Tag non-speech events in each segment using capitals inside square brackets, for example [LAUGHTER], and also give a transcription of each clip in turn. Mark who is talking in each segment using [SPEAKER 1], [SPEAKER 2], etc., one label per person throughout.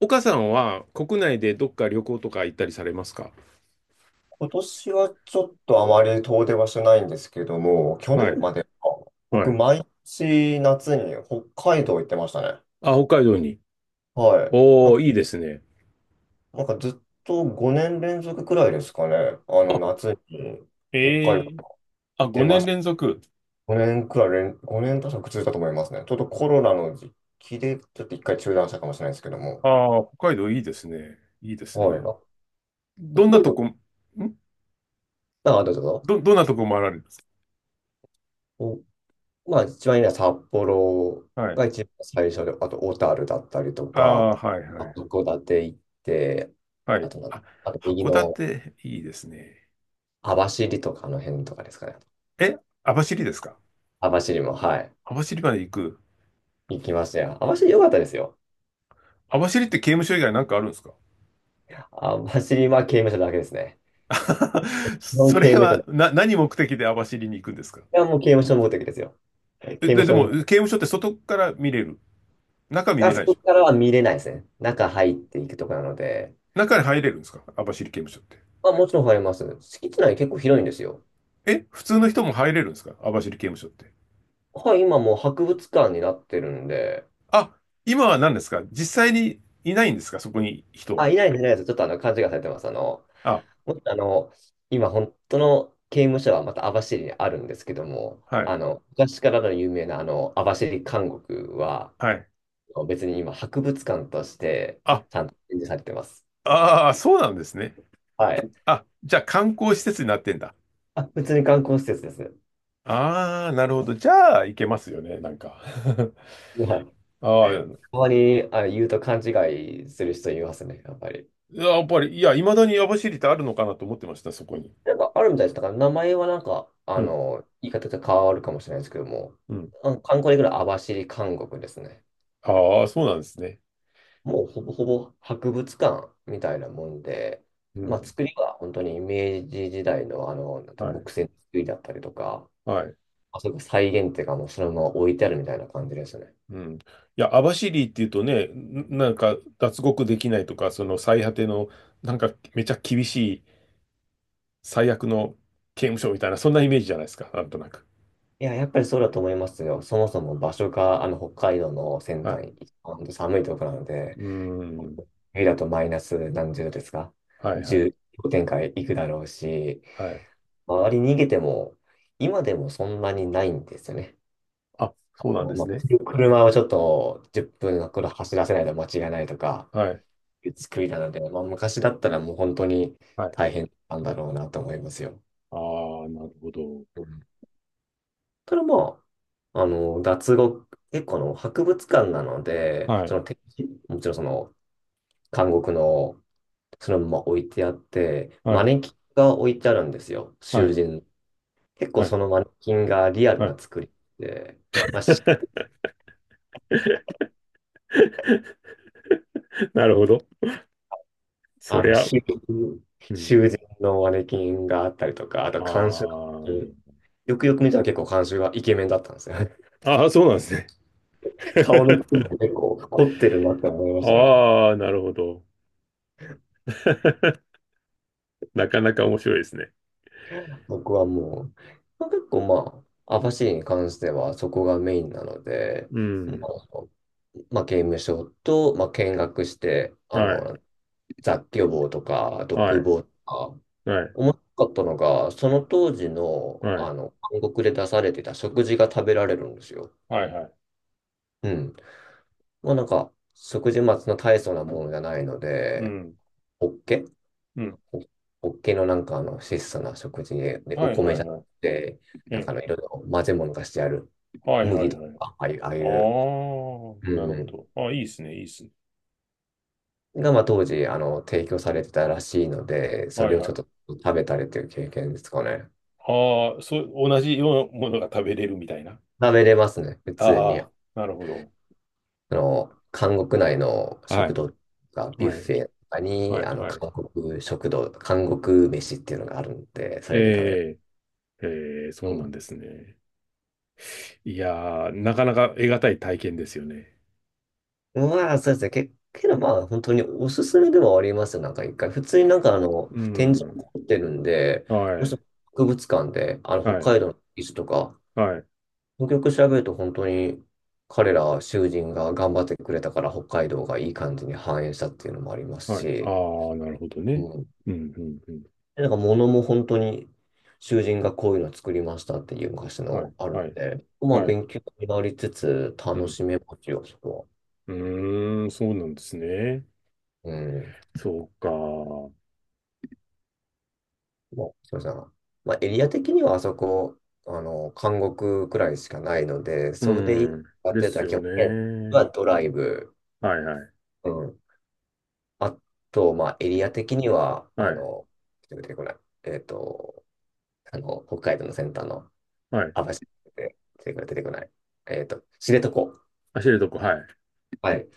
[SPEAKER 1] 岡さんは国内でどっか旅行とか行ったりされますか？
[SPEAKER 2] 今年はちょっとあまり遠出はしてないんですけども、去
[SPEAKER 1] は
[SPEAKER 2] 年
[SPEAKER 1] い。
[SPEAKER 2] までか、
[SPEAKER 1] は
[SPEAKER 2] 僕、
[SPEAKER 1] い。
[SPEAKER 2] 毎年夏に北海道行ってましたね。
[SPEAKER 1] あ、北海道に。
[SPEAKER 2] はい。なん
[SPEAKER 1] おー、
[SPEAKER 2] か、
[SPEAKER 1] いいですね。
[SPEAKER 2] なんかずっと5年連続くらいですかね。
[SPEAKER 1] あ、
[SPEAKER 2] 夏に北海
[SPEAKER 1] え
[SPEAKER 2] 道
[SPEAKER 1] え。
[SPEAKER 2] 行っ
[SPEAKER 1] あ、
[SPEAKER 2] て
[SPEAKER 1] 5
[SPEAKER 2] ま
[SPEAKER 1] 年
[SPEAKER 2] した。
[SPEAKER 1] 連続。
[SPEAKER 2] 5年確か続いたと思いますね。ちょっとコロナの時期で、ちょっと一回中断したかもしれないですけども。
[SPEAKER 1] ああ、北海道いいですね。いいです
[SPEAKER 2] はい。
[SPEAKER 1] ね。
[SPEAKER 2] あ
[SPEAKER 1] どん
[SPEAKER 2] 北
[SPEAKER 1] な
[SPEAKER 2] 海
[SPEAKER 1] と
[SPEAKER 2] 道、
[SPEAKER 1] こ、ん
[SPEAKER 2] あ、どうぞどうぞ。
[SPEAKER 1] どんなとこ回られるんです
[SPEAKER 2] まあ、一番いいのは札幌
[SPEAKER 1] か？はい。
[SPEAKER 2] が一番最初で、あと小樽だったりと
[SPEAKER 1] あ
[SPEAKER 2] か、
[SPEAKER 1] あ、はい、は
[SPEAKER 2] まあ
[SPEAKER 1] い。
[SPEAKER 2] 函館行って、
[SPEAKER 1] は
[SPEAKER 2] あ
[SPEAKER 1] い。
[SPEAKER 2] とな、
[SPEAKER 1] あ、
[SPEAKER 2] あと右
[SPEAKER 1] 函
[SPEAKER 2] の
[SPEAKER 1] 館いいですね。
[SPEAKER 2] 網走とかの辺とかですかね。
[SPEAKER 1] え、網走ですか？
[SPEAKER 2] 網走も、はい、
[SPEAKER 1] 網走まで行く。
[SPEAKER 2] 行きましたよ。網走良かったですよ。
[SPEAKER 1] 網走って刑務所以外なんかあるんですか？
[SPEAKER 2] 網走は刑務所だけですね。
[SPEAKER 1] [LAUGHS]
[SPEAKER 2] 日本
[SPEAKER 1] そ
[SPEAKER 2] 刑
[SPEAKER 1] れ
[SPEAKER 2] 務所
[SPEAKER 1] は、
[SPEAKER 2] で。い
[SPEAKER 1] 何目的で網走に行くんですか？
[SPEAKER 2] や、もう刑務所の目的ですよ。刑
[SPEAKER 1] え
[SPEAKER 2] 務
[SPEAKER 1] で、で
[SPEAKER 2] 所
[SPEAKER 1] も、
[SPEAKER 2] に、
[SPEAKER 1] 刑務所って外から見れる。中見
[SPEAKER 2] あ
[SPEAKER 1] れな
[SPEAKER 2] そ
[SPEAKER 1] いでし
[SPEAKER 2] こ
[SPEAKER 1] ょ。
[SPEAKER 2] からは見れないですね。中入っていくとこなので、
[SPEAKER 1] 中に入れるんですか網走刑務所って。
[SPEAKER 2] まあ、もちろん入ります。敷地内結構広いんですよ。
[SPEAKER 1] 普通の人も入れるんですか網走刑務所って。
[SPEAKER 2] はい、今もう博物館になってるんで、
[SPEAKER 1] あ、今は何ですか、実際にいないんですか、そこに人は。
[SPEAKER 2] あ、いないです、ないです。ちょっと勘違いされてます。
[SPEAKER 1] あ、
[SPEAKER 2] もっと今、本当の刑務所はまた網走にあるんですけども、
[SPEAKER 1] はい、
[SPEAKER 2] 昔からの有名な網走監獄は、
[SPEAKER 1] はい。
[SPEAKER 2] 別に今、博物館として、
[SPEAKER 1] あ、
[SPEAKER 2] ちゃんと展示されてます。
[SPEAKER 1] ああ、そうなんですね。
[SPEAKER 2] はい。
[SPEAKER 1] あ、じゃあ観光施設になってんだ。
[SPEAKER 2] あ、普通に観光施設ですね。
[SPEAKER 1] ああ、なるほど。じゃあ、行けますよね、なんか。
[SPEAKER 2] はい。
[SPEAKER 1] [LAUGHS] ああ、
[SPEAKER 2] たまに言うと勘違いする人いますね、やっぱり。
[SPEAKER 1] やっぱり、いや、未だに網走ってあるのかなと思ってました、そこに。
[SPEAKER 2] なんかあるみたいです。だから名前はなんか、
[SPEAKER 1] うん、
[SPEAKER 2] 言い方が変わるかもしれないですけども、
[SPEAKER 1] うん。
[SPEAKER 2] あの観光で来る網走監獄ですね。
[SPEAKER 1] ああ、そうなんですね。
[SPEAKER 2] もうほぼほぼ博物館みたいなもんで、
[SPEAKER 1] う
[SPEAKER 2] まあ、
[SPEAKER 1] ん、
[SPEAKER 2] 作りは本当に明治時代の、なんて
[SPEAKER 1] はい、
[SPEAKER 2] 木製の作りだったりとか、
[SPEAKER 1] はい。
[SPEAKER 2] あそこ再現っていうかもうそのまま置いてあるみたいな感じですね。
[SPEAKER 1] うん。いや、網走っていうとね、なんか脱獄できないとか、その最果ての、なんかめちゃ厳しい最悪の刑務所みたいな、そんなイメージじゃないですか、なんとなく。
[SPEAKER 2] いや、やっぱりそうだと思いますよ。そもそも場所があの北海道の先
[SPEAKER 1] はい。
[SPEAKER 2] 端、本当寒いところなので、
[SPEAKER 1] うーん。
[SPEAKER 2] 冬だとマイナス何十度ですか？
[SPEAKER 1] はいは
[SPEAKER 2] 十
[SPEAKER 1] い。
[SPEAKER 2] 0、氷点下いくだろうし、
[SPEAKER 1] はい。
[SPEAKER 2] 周り逃げても、今でもそんなにないんですよね。
[SPEAKER 1] あ、そうなんで
[SPEAKER 2] ま
[SPEAKER 1] す
[SPEAKER 2] あ、
[SPEAKER 1] ね。
[SPEAKER 2] 車をちょっと10分の頃走らせないと間違いないとか
[SPEAKER 1] はい。
[SPEAKER 2] いう作りなので、まあ、昔だったらもう本当に
[SPEAKER 1] はい。
[SPEAKER 2] 大変なんだろうなと思いますよ。
[SPEAKER 1] ああ、なるほど。
[SPEAKER 2] うんただまあ、脱獄、結構博物館なので、
[SPEAKER 1] は
[SPEAKER 2] そ
[SPEAKER 1] い。
[SPEAKER 2] の展示、もちろんその監獄のそのまま置いてあって、
[SPEAKER 1] は
[SPEAKER 2] マ
[SPEAKER 1] い。
[SPEAKER 2] ネキンが置いてあるんですよ、
[SPEAKER 1] は
[SPEAKER 2] 囚
[SPEAKER 1] い。
[SPEAKER 2] 人。結構
[SPEAKER 1] はい。
[SPEAKER 2] そのマネキンがリアル
[SPEAKER 1] は
[SPEAKER 2] な
[SPEAKER 1] い。
[SPEAKER 2] 作りで、まあ
[SPEAKER 1] [LAUGHS] なるほど。そ
[SPEAKER 2] あ
[SPEAKER 1] り
[SPEAKER 2] の、
[SPEAKER 1] ゃ、
[SPEAKER 2] 修
[SPEAKER 1] うん。
[SPEAKER 2] 修繕のマネキンがあったりとか、あと監修、
[SPEAKER 1] あ
[SPEAKER 2] うんよくよく見たら結構監修がイケメンだったんですよ。[LAUGHS]
[SPEAKER 1] あ。ああ、そうなんですね。[LAUGHS]
[SPEAKER 2] 顔の部分も結構凝ってるなって思いましたよね。
[SPEAKER 1] ああ、なるほど。[LAUGHS] なかなか面白いですね。
[SPEAKER 2] 僕はもう、まあ、結構まあ網走に関してはそこがメインなので、
[SPEAKER 1] う
[SPEAKER 2] ま
[SPEAKER 1] ん。
[SPEAKER 2] あ、まあ刑務所と、まあ、見学して、
[SPEAKER 1] はい。
[SPEAKER 2] 雑居房とか
[SPEAKER 1] は
[SPEAKER 2] 独
[SPEAKER 1] い。
[SPEAKER 2] 房とか、
[SPEAKER 1] はい。
[SPEAKER 2] 面白かったのが、その当時の、
[SPEAKER 1] はい。
[SPEAKER 2] 韓国で出されてた食事が食べられるんですよ。
[SPEAKER 1] はいはい。
[SPEAKER 2] うん。もうなんか、食事末の大層なものじゃないの
[SPEAKER 1] う
[SPEAKER 2] で、
[SPEAKER 1] ん。
[SPEAKER 2] ホッケ
[SPEAKER 1] うん。
[SPEAKER 2] ホホッケのなんか質素な食事で、お
[SPEAKER 1] はい
[SPEAKER 2] 米
[SPEAKER 1] は
[SPEAKER 2] じ
[SPEAKER 1] い
[SPEAKER 2] ゃなく
[SPEAKER 1] はい。
[SPEAKER 2] て、
[SPEAKER 1] え
[SPEAKER 2] なんか
[SPEAKER 1] え。
[SPEAKER 2] いろいろ混ぜ物がしてある
[SPEAKER 1] はいは
[SPEAKER 2] 麦
[SPEAKER 1] い
[SPEAKER 2] と
[SPEAKER 1] はい。
[SPEAKER 2] か、ああいう、ああ
[SPEAKER 1] あ
[SPEAKER 2] いう、
[SPEAKER 1] あ、なる
[SPEAKER 2] う
[SPEAKER 1] ほ
[SPEAKER 2] ん、
[SPEAKER 1] ど。あ、いいですね。いいですね。
[SPEAKER 2] がまあ当時提供されてたらしいので、そ
[SPEAKER 1] はい
[SPEAKER 2] れをち
[SPEAKER 1] は
[SPEAKER 2] ょっ
[SPEAKER 1] い。
[SPEAKER 2] と食べたりという経験ですかね。
[SPEAKER 1] ああ、そう、同じようなものが食べれるみたいな。
[SPEAKER 2] 食べれますね、普通に。
[SPEAKER 1] ああ、なるほど。
[SPEAKER 2] 韓国内の
[SPEAKER 1] は
[SPEAKER 2] 食
[SPEAKER 1] い。
[SPEAKER 2] 堂がビュッ
[SPEAKER 1] は
[SPEAKER 2] フ
[SPEAKER 1] い。
[SPEAKER 2] ェとか
[SPEAKER 1] は
[SPEAKER 2] に、
[SPEAKER 1] いはい。
[SPEAKER 2] 韓国食堂、韓国飯っていうのがあるんで、それで食べれ
[SPEAKER 1] ええ。ええ、
[SPEAKER 2] ば。
[SPEAKER 1] そう
[SPEAKER 2] う
[SPEAKER 1] なん
[SPEAKER 2] ん。
[SPEAKER 1] ですね。いやー、なかなか得難い体験ですよね。
[SPEAKER 2] まあ、そうですね。けどまあ、本当におすすめではありますよ。なんか一回、普通になんか
[SPEAKER 1] う
[SPEAKER 2] 展示
[SPEAKER 1] ん。
[SPEAKER 2] をってるんで、
[SPEAKER 1] は
[SPEAKER 2] もし
[SPEAKER 1] い。
[SPEAKER 2] 博物館で、
[SPEAKER 1] は
[SPEAKER 2] 北
[SPEAKER 1] い。
[SPEAKER 2] 海道の遺跡とか、
[SPEAKER 1] はい。
[SPEAKER 2] よくよく調べると本当に、彼ら囚人が頑張ってくれたから北海道がいい感じに繁栄したっていうのもあります
[SPEAKER 1] はい。あ
[SPEAKER 2] し、
[SPEAKER 1] あ、なるほどね。
[SPEAKER 2] うん
[SPEAKER 1] うん、うん、うん。
[SPEAKER 2] なんか物も本当に囚人がこういうの作りましたっていう昔
[SPEAKER 1] はい、
[SPEAKER 2] のある
[SPEAKER 1] は
[SPEAKER 2] ん
[SPEAKER 1] い、
[SPEAKER 2] で、まあ
[SPEAKER 1] はい。
[SPEAKER 2] 勉強になりつつ
[SPEAKER 1] う
[SPEAKER 2] 楽
[SPEAKER 1] ん。
[SPEAKER 2] しめますよ、そこ
[SPEAKER 1] うーん、そうなんですね。
[SPEAKER 2] は。うん。
[SPEAKER 1] そうか。
[SPEAKER 2] まあ、すみません。まあエリア的にはあそこ、監獄くらいしかないので、それでい
[SPEAKER 1] う
[SPEAKER 2] い
[SPEAKER 1] ん。
[SPEAKER 2] かっ
[SPEAKER 1] で
[SPEAKER 2] てやった
[SPEAKER 1] す
[SPEAKER 2] ら基
[SPEAKER 1] よ
[SPEAKER 2] 本的に
[SPEAKER 1] ね。
[SPEAKER 2] はドライブ。
[SPEAKER 1] はい、はい、
[SPEAKER 2] うん。あと、まあエリア的には、
[SPEAKER 1] はい、
[SPEAKER 2] 出てこない。えっと、北海道の先端の
[SPEAKER 1] はい。
[SPEAKER 2] 網走で出てこない。出てこない知床。
[SPEAKER 1] あ、知床、はい。
[SPEAKER 2] はい。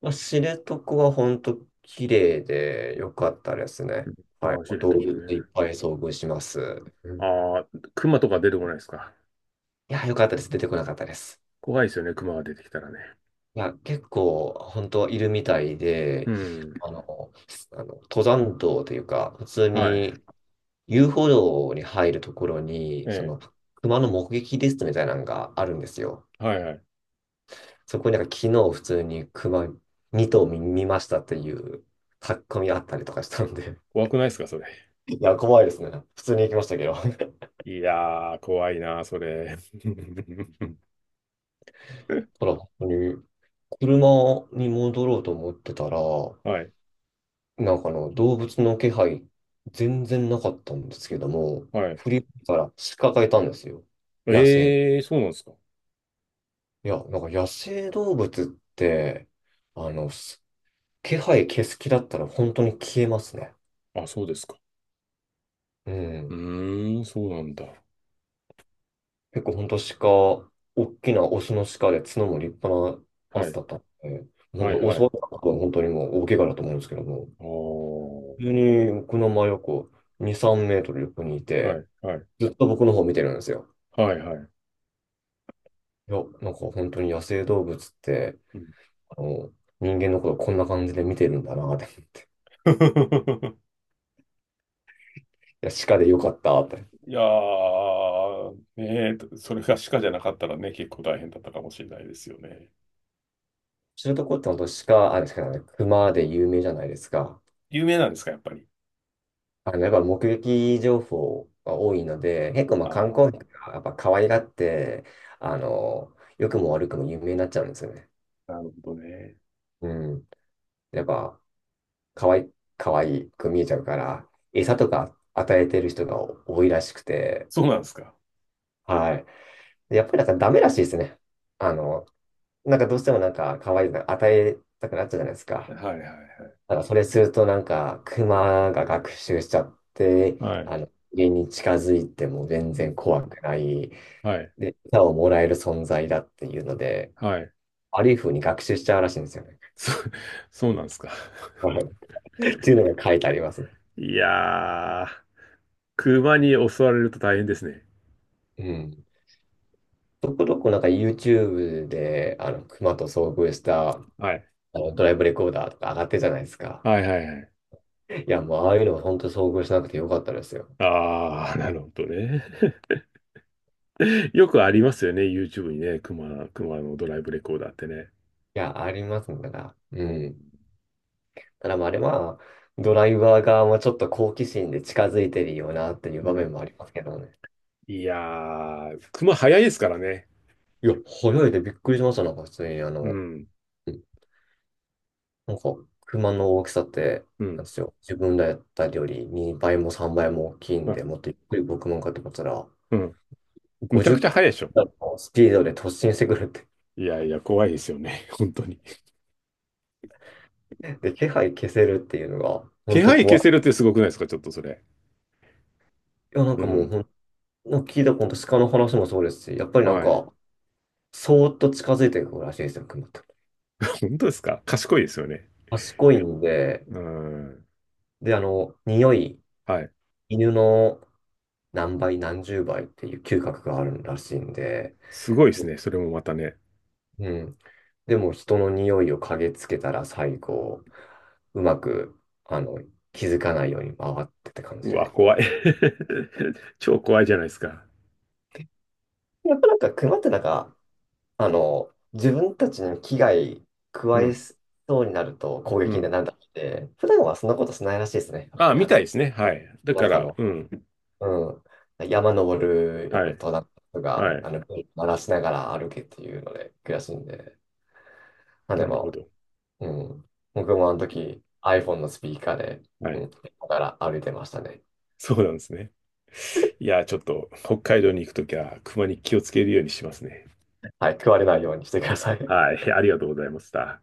[SPEAKER 2] まあ、知床は本当綺麗で良かったですね。は
[SPEAKER 1] ああ、
[SPEAKER 2] い。
[SPEAKER 1] 知
[SPEAKER 2] 動
[SPEAKER 1] 床
[SPEAKER 2] 物いっ
[SPEAKER 1] ね。
[SPEAKER 2] ぱい遭遇します。うん、い
[SPEAKER 1] ああ、熊とか出てこないですか。
[SPEAKER 2] や、良かったです。出てこなかったです。
[SPEAKER 1] 怖いですよね、熊が出てきたらね。
[SPEAKER 2] いや、結構本当いるみたい
[SPEAKER 1] う
[SPEAKER 2] で、
[SPEAKER 1] ん。
[SPEAKER 2] あの、あの登山道というか、普通
[SPEAKER 1] はい。
[SPEAKER 2] に遊歩道に入るところ
[SPEAKER 1] え
[SPEAKER 2] に、
[SPEAKER 1] え、
[SPEAKER 2] 熊の目撃リストみたいなのがあるんですよ。
[SPEAKER 1] はい、はい。
[SPEAKER 2] そこになんか昨日普通に熊2頭見ましたっていう書き込みあったりとかしたんで、
[SPEAKER 1] 怖くないですか、それ？
[SPEAKER 2] いや、怖いですね。普通に行きましたけど。[LAUGHS]
[SPEAKER 1] いやー、怖いな、それ。[LAUGHS]
[SPEAKER 2] ほら、本当に、車に戻ろうと思ってたら、
[SPEAKER 1] はい、
[SPEAKER 2] なんか動物の気配、全然なかったんですけども、
[SPEAKER 1] はい。
[SPEAKER 2] 振り向いたら鹿がいたんですよ。野生。
[SPEAKER 1] ええ、そうなんですか。
[SPEAKER 2] いや、なんか野生動物って、あの、す気配消す気だったら本当に消えますね。
[SPEAKER 1] あ、そうですか。
[SPEAKER 2] う
[SPEAKER 1] う
[SPEAKER 2] ん。
[SPEAKER 1] ーん、そうなんだ。
[SPEAKER 2] 結構本当鹿、大きなオスの鹿で角も立派なや
[SPEAKER 1] は
[SPEAKER 2] つ
[SPEAKER 1] い。
[SPEAKER 2] だったんで、本
[SPEAKER 1] はい、
[SPEAKER 2] 当
[SPEAKER 1] は
[SPEAKER 2] 襲
[SPEAKER 1] い。
[SPEAKER 2] われたのは本当にもう大怪我だと思うんですけども。
[SPEAKER 1] おー。
[SPEAKER 2] 急に僕の真横2、3メートル横にい
[SPEAKER 1] は
[SPEAKER 2] て、
[SPEAKER 1] い、はい。
[SPEAKER 2] ずっと僕の方見てるんですよ。
[SPEAKER 1] はい、はい。
[SPEAKER 2] いや、なんか本当に野生動物って、
[SPEAKER 1] うん。
[SPEAKER 2] あの、人間のことこんな感じで見てるんだなって。い
[SPEAKER 1] [LAUGHS]
[SPEAKER 2] や、鹿でよかったって。
[SPEAKER 1] いやー、ねえ、それが鹿じゃなかったらね、結構大変だったかもしれないですよね。
[SPEAKER 2] 知床って本当鹿、あれしかない、熊で有名じゃないですか。
[SPEAKER 1] 有名なんですか、やっぱり。
[SPEAKER 2] やっぱ目撃情報が多いので、結構まあ
[SPEAKER 1] あ
[SPEAKER 2] 観光
[SPEAKER 1] あ、
[SPEAKER 2] 客がやっぱ可愛がって、あの、良くも悪くも有名になっちゃうんですよね。
[SPEAKER 1] なるほどね。
[SPEAKER 2] うん。やっぱ、可愛い、かわいく見えちゃうから、餌とか与えてる人が多いらしくて、
[SPEAKER 1] そうなんですか。
[SPEAKER 2] はい。やっぱりなんかダメらしいですね。あの、なんかどうしてもなんか可愛いの与えたくなっちゃうじゃないですか。
[SPEAKER 1] はいはい
[SPEAKER 2] だからそれするとなんかクマが学習しちゃって、
[SPEAKER 1] はい。はい。
[SPEAKER 2] 家に近づいても全
[SPEAKER 1] う
[SPEAKER 2] 然
[SPEAKER 1] ん。
[SPEAKER 2] 怖くない。
[SPEAKER 1] はい。
[SPEAKER 2] で、餌をもらえる存在だっていうので、
[SPEAKER 1] はい。
[SPEAKER 2] 悪い風に学習しちゃうらしいんですよね。
[SPEAKER 1] そ、そうなんですか。
[SPEAKER 2] [LAUGHS] っていうのが書いてありますね。
[SPEAKER 1] いやー、熊に襲われると大変ですね。
[SPEAKER 2] うん。そこどこなんか YouTube で、熊と遭遇した、
[SPEAKER 1] はい。
[SPEAKER 2] ドライブレコーダーとか上がってるじゃないですか。
[SPEAKER 1] はいはいはい。
[SPEAKER 2] いや、もうああいうのは本当遭遇しなくてよかったですよ。
[SPEAKER 1] ああ、なるほどね。[LAUGHS] よくありますよね、YouTube にね、熊のドライブレコーダーってね。
[SPEAKER 2] いや、ありますね。だから、う
[SPEAKER 1] う
[SPEAKER 2] ん。
[SPEAKER 1] ん
[SPEAKER 2] ただまあ、あれは、ドライバー側もちょっと好奇心で近づいてるよなっていう
[SPEAKER 1] う
[SPEAKER 2] 場面
[SPEAKER 1] ん。
[SPEAKER 2] もありますけどね。
[SPEAKER 1] いやー、熊早いですからね。
[SPEAKER 2] いや、早いでびっくりしました。なんか普通に
[SPEAKER 1] うん。
[SPEAKER 2] うんなんか、熊の大きさって、
[SPEAKER 1] う
[SPEAKER 2] な
[SPEAKER 1] ん。
[SPEAKER 2] んですよ。自分らやったより2倍も3倍も大きいん
[SPEAKER 1] ま
[SPEAKER 2] で、もっとゆっくり僕もかってこったら、
[SPEAKER 1] うん。めち
[SPEAKER 2] 50
[SPEAKER 1] ゃ
[SPEAKER 2] キ
[SPEAKER 1] くちゃ早いでしょ。
[SPEAKER 2] ロのスピードで突進してくるって。
[SPEAKER 1] いやいや、怖いですよね。[LAUGHS] 本当に。
[SPEAKER 2] [LAUGHS] で、気配消せるっていうのが、
[SPEAKER 1] 気
[SPEAKER 2] 本当
[SPEAKER 1] 配消
[SPEAKER 2] 怖い。
[SPEAKER 1] せるってすごくないですか、ちょっとそれ。
[SPEAKER 2] いや、なん
[SPEAKER 1] う
[SPEAKER 2] かもう、
[SPEAKER 1] ん。
[SPEAKER 2] なんか聞いたこと鹿の話もそうですし、やっぱりなん
[SPEAKER 1] はい。
[SPEAKER 2] か、そーっと近づいてくるらしいですよ、熊って。
[SPEAKER 1] 本当ですか、賢いですよね。
[SPEAKER 2] 賢いんで、
[SPEAKER 1] うん。
[SPEAKER 2] で、匂い、
[SPEAKER 1] はい。
[SPEAKER 2] 犬の何倍、何十倍っていう嗅覚があるらしいんで、
[SPEAKER 1] すごいですね。それもまたね。
[SPEAKER 2] うん。でも、人の匂いを嗅ぎつけたら最後、うまく、あの、気づかないように回ってって感じ
[SPEAKER 1] うわ、
[SPEAKER 2] で。
[SPEAKER 1] 怖い。[LAUGHS] 超怖いじゃないですか。
[SPEAKER 2] [LAUGHS] やっぱなんか、熊ってなんか、自分たちに危害
[SPEAKER 1] う
[SPEAKER 2] 加え
[SPEAKER 1] ん。
[SPEAKER 2] そうになると攻
[SPEAKER 1] う
[SPEAKER 2] 撃に
[SPEAKER 1] ん。
[SPEAKER 2] なるんだって、普段はそんなことしないらしいですね。やっぱ
[SPEAKER 1] あ、
[SPEAKER 2] り
[SPEAKER 1] みたいですね。はい。だか
[SPEAKER 2] 中
[SPEAKER 1] ら、
[SPEAKER 2] の、
[SPEAKER 1] うん。
[SPEAKER 2] う山登る、よ
[SPEAKER 1] は
[SPEAKER 2] く
[SPEAKER 1] い。
[SPEAKER 2] 登山とか、
[SPEAKER 1] はい。
[SPEAKER 2] 鳴らしながら歩けっていうので悔しいんで。まあ
[SPEAKER 1] な
[SPEAKER 2] で
[SPEAKER 1] るほ
[SPEAKER 2] も、
[SPEAKER 1] ど。
[SPEAKER 2] うん、僕もあの時 iPhone のスピーカーで、
[SPEAKER 1] は
[SPEAKER 2] う
[SPEAKER 1] い。
[SPEAKER 2] ん、だから歩いてましたね。
[SPEAKER 1] そうなんですね。いや、ちょっと北海道に行くときは、熊に気をつけるようにしますね。
[SPEAKER 2] はい、食われないようにしてください。
[SPEAKER 1] はい。ありがとうございました。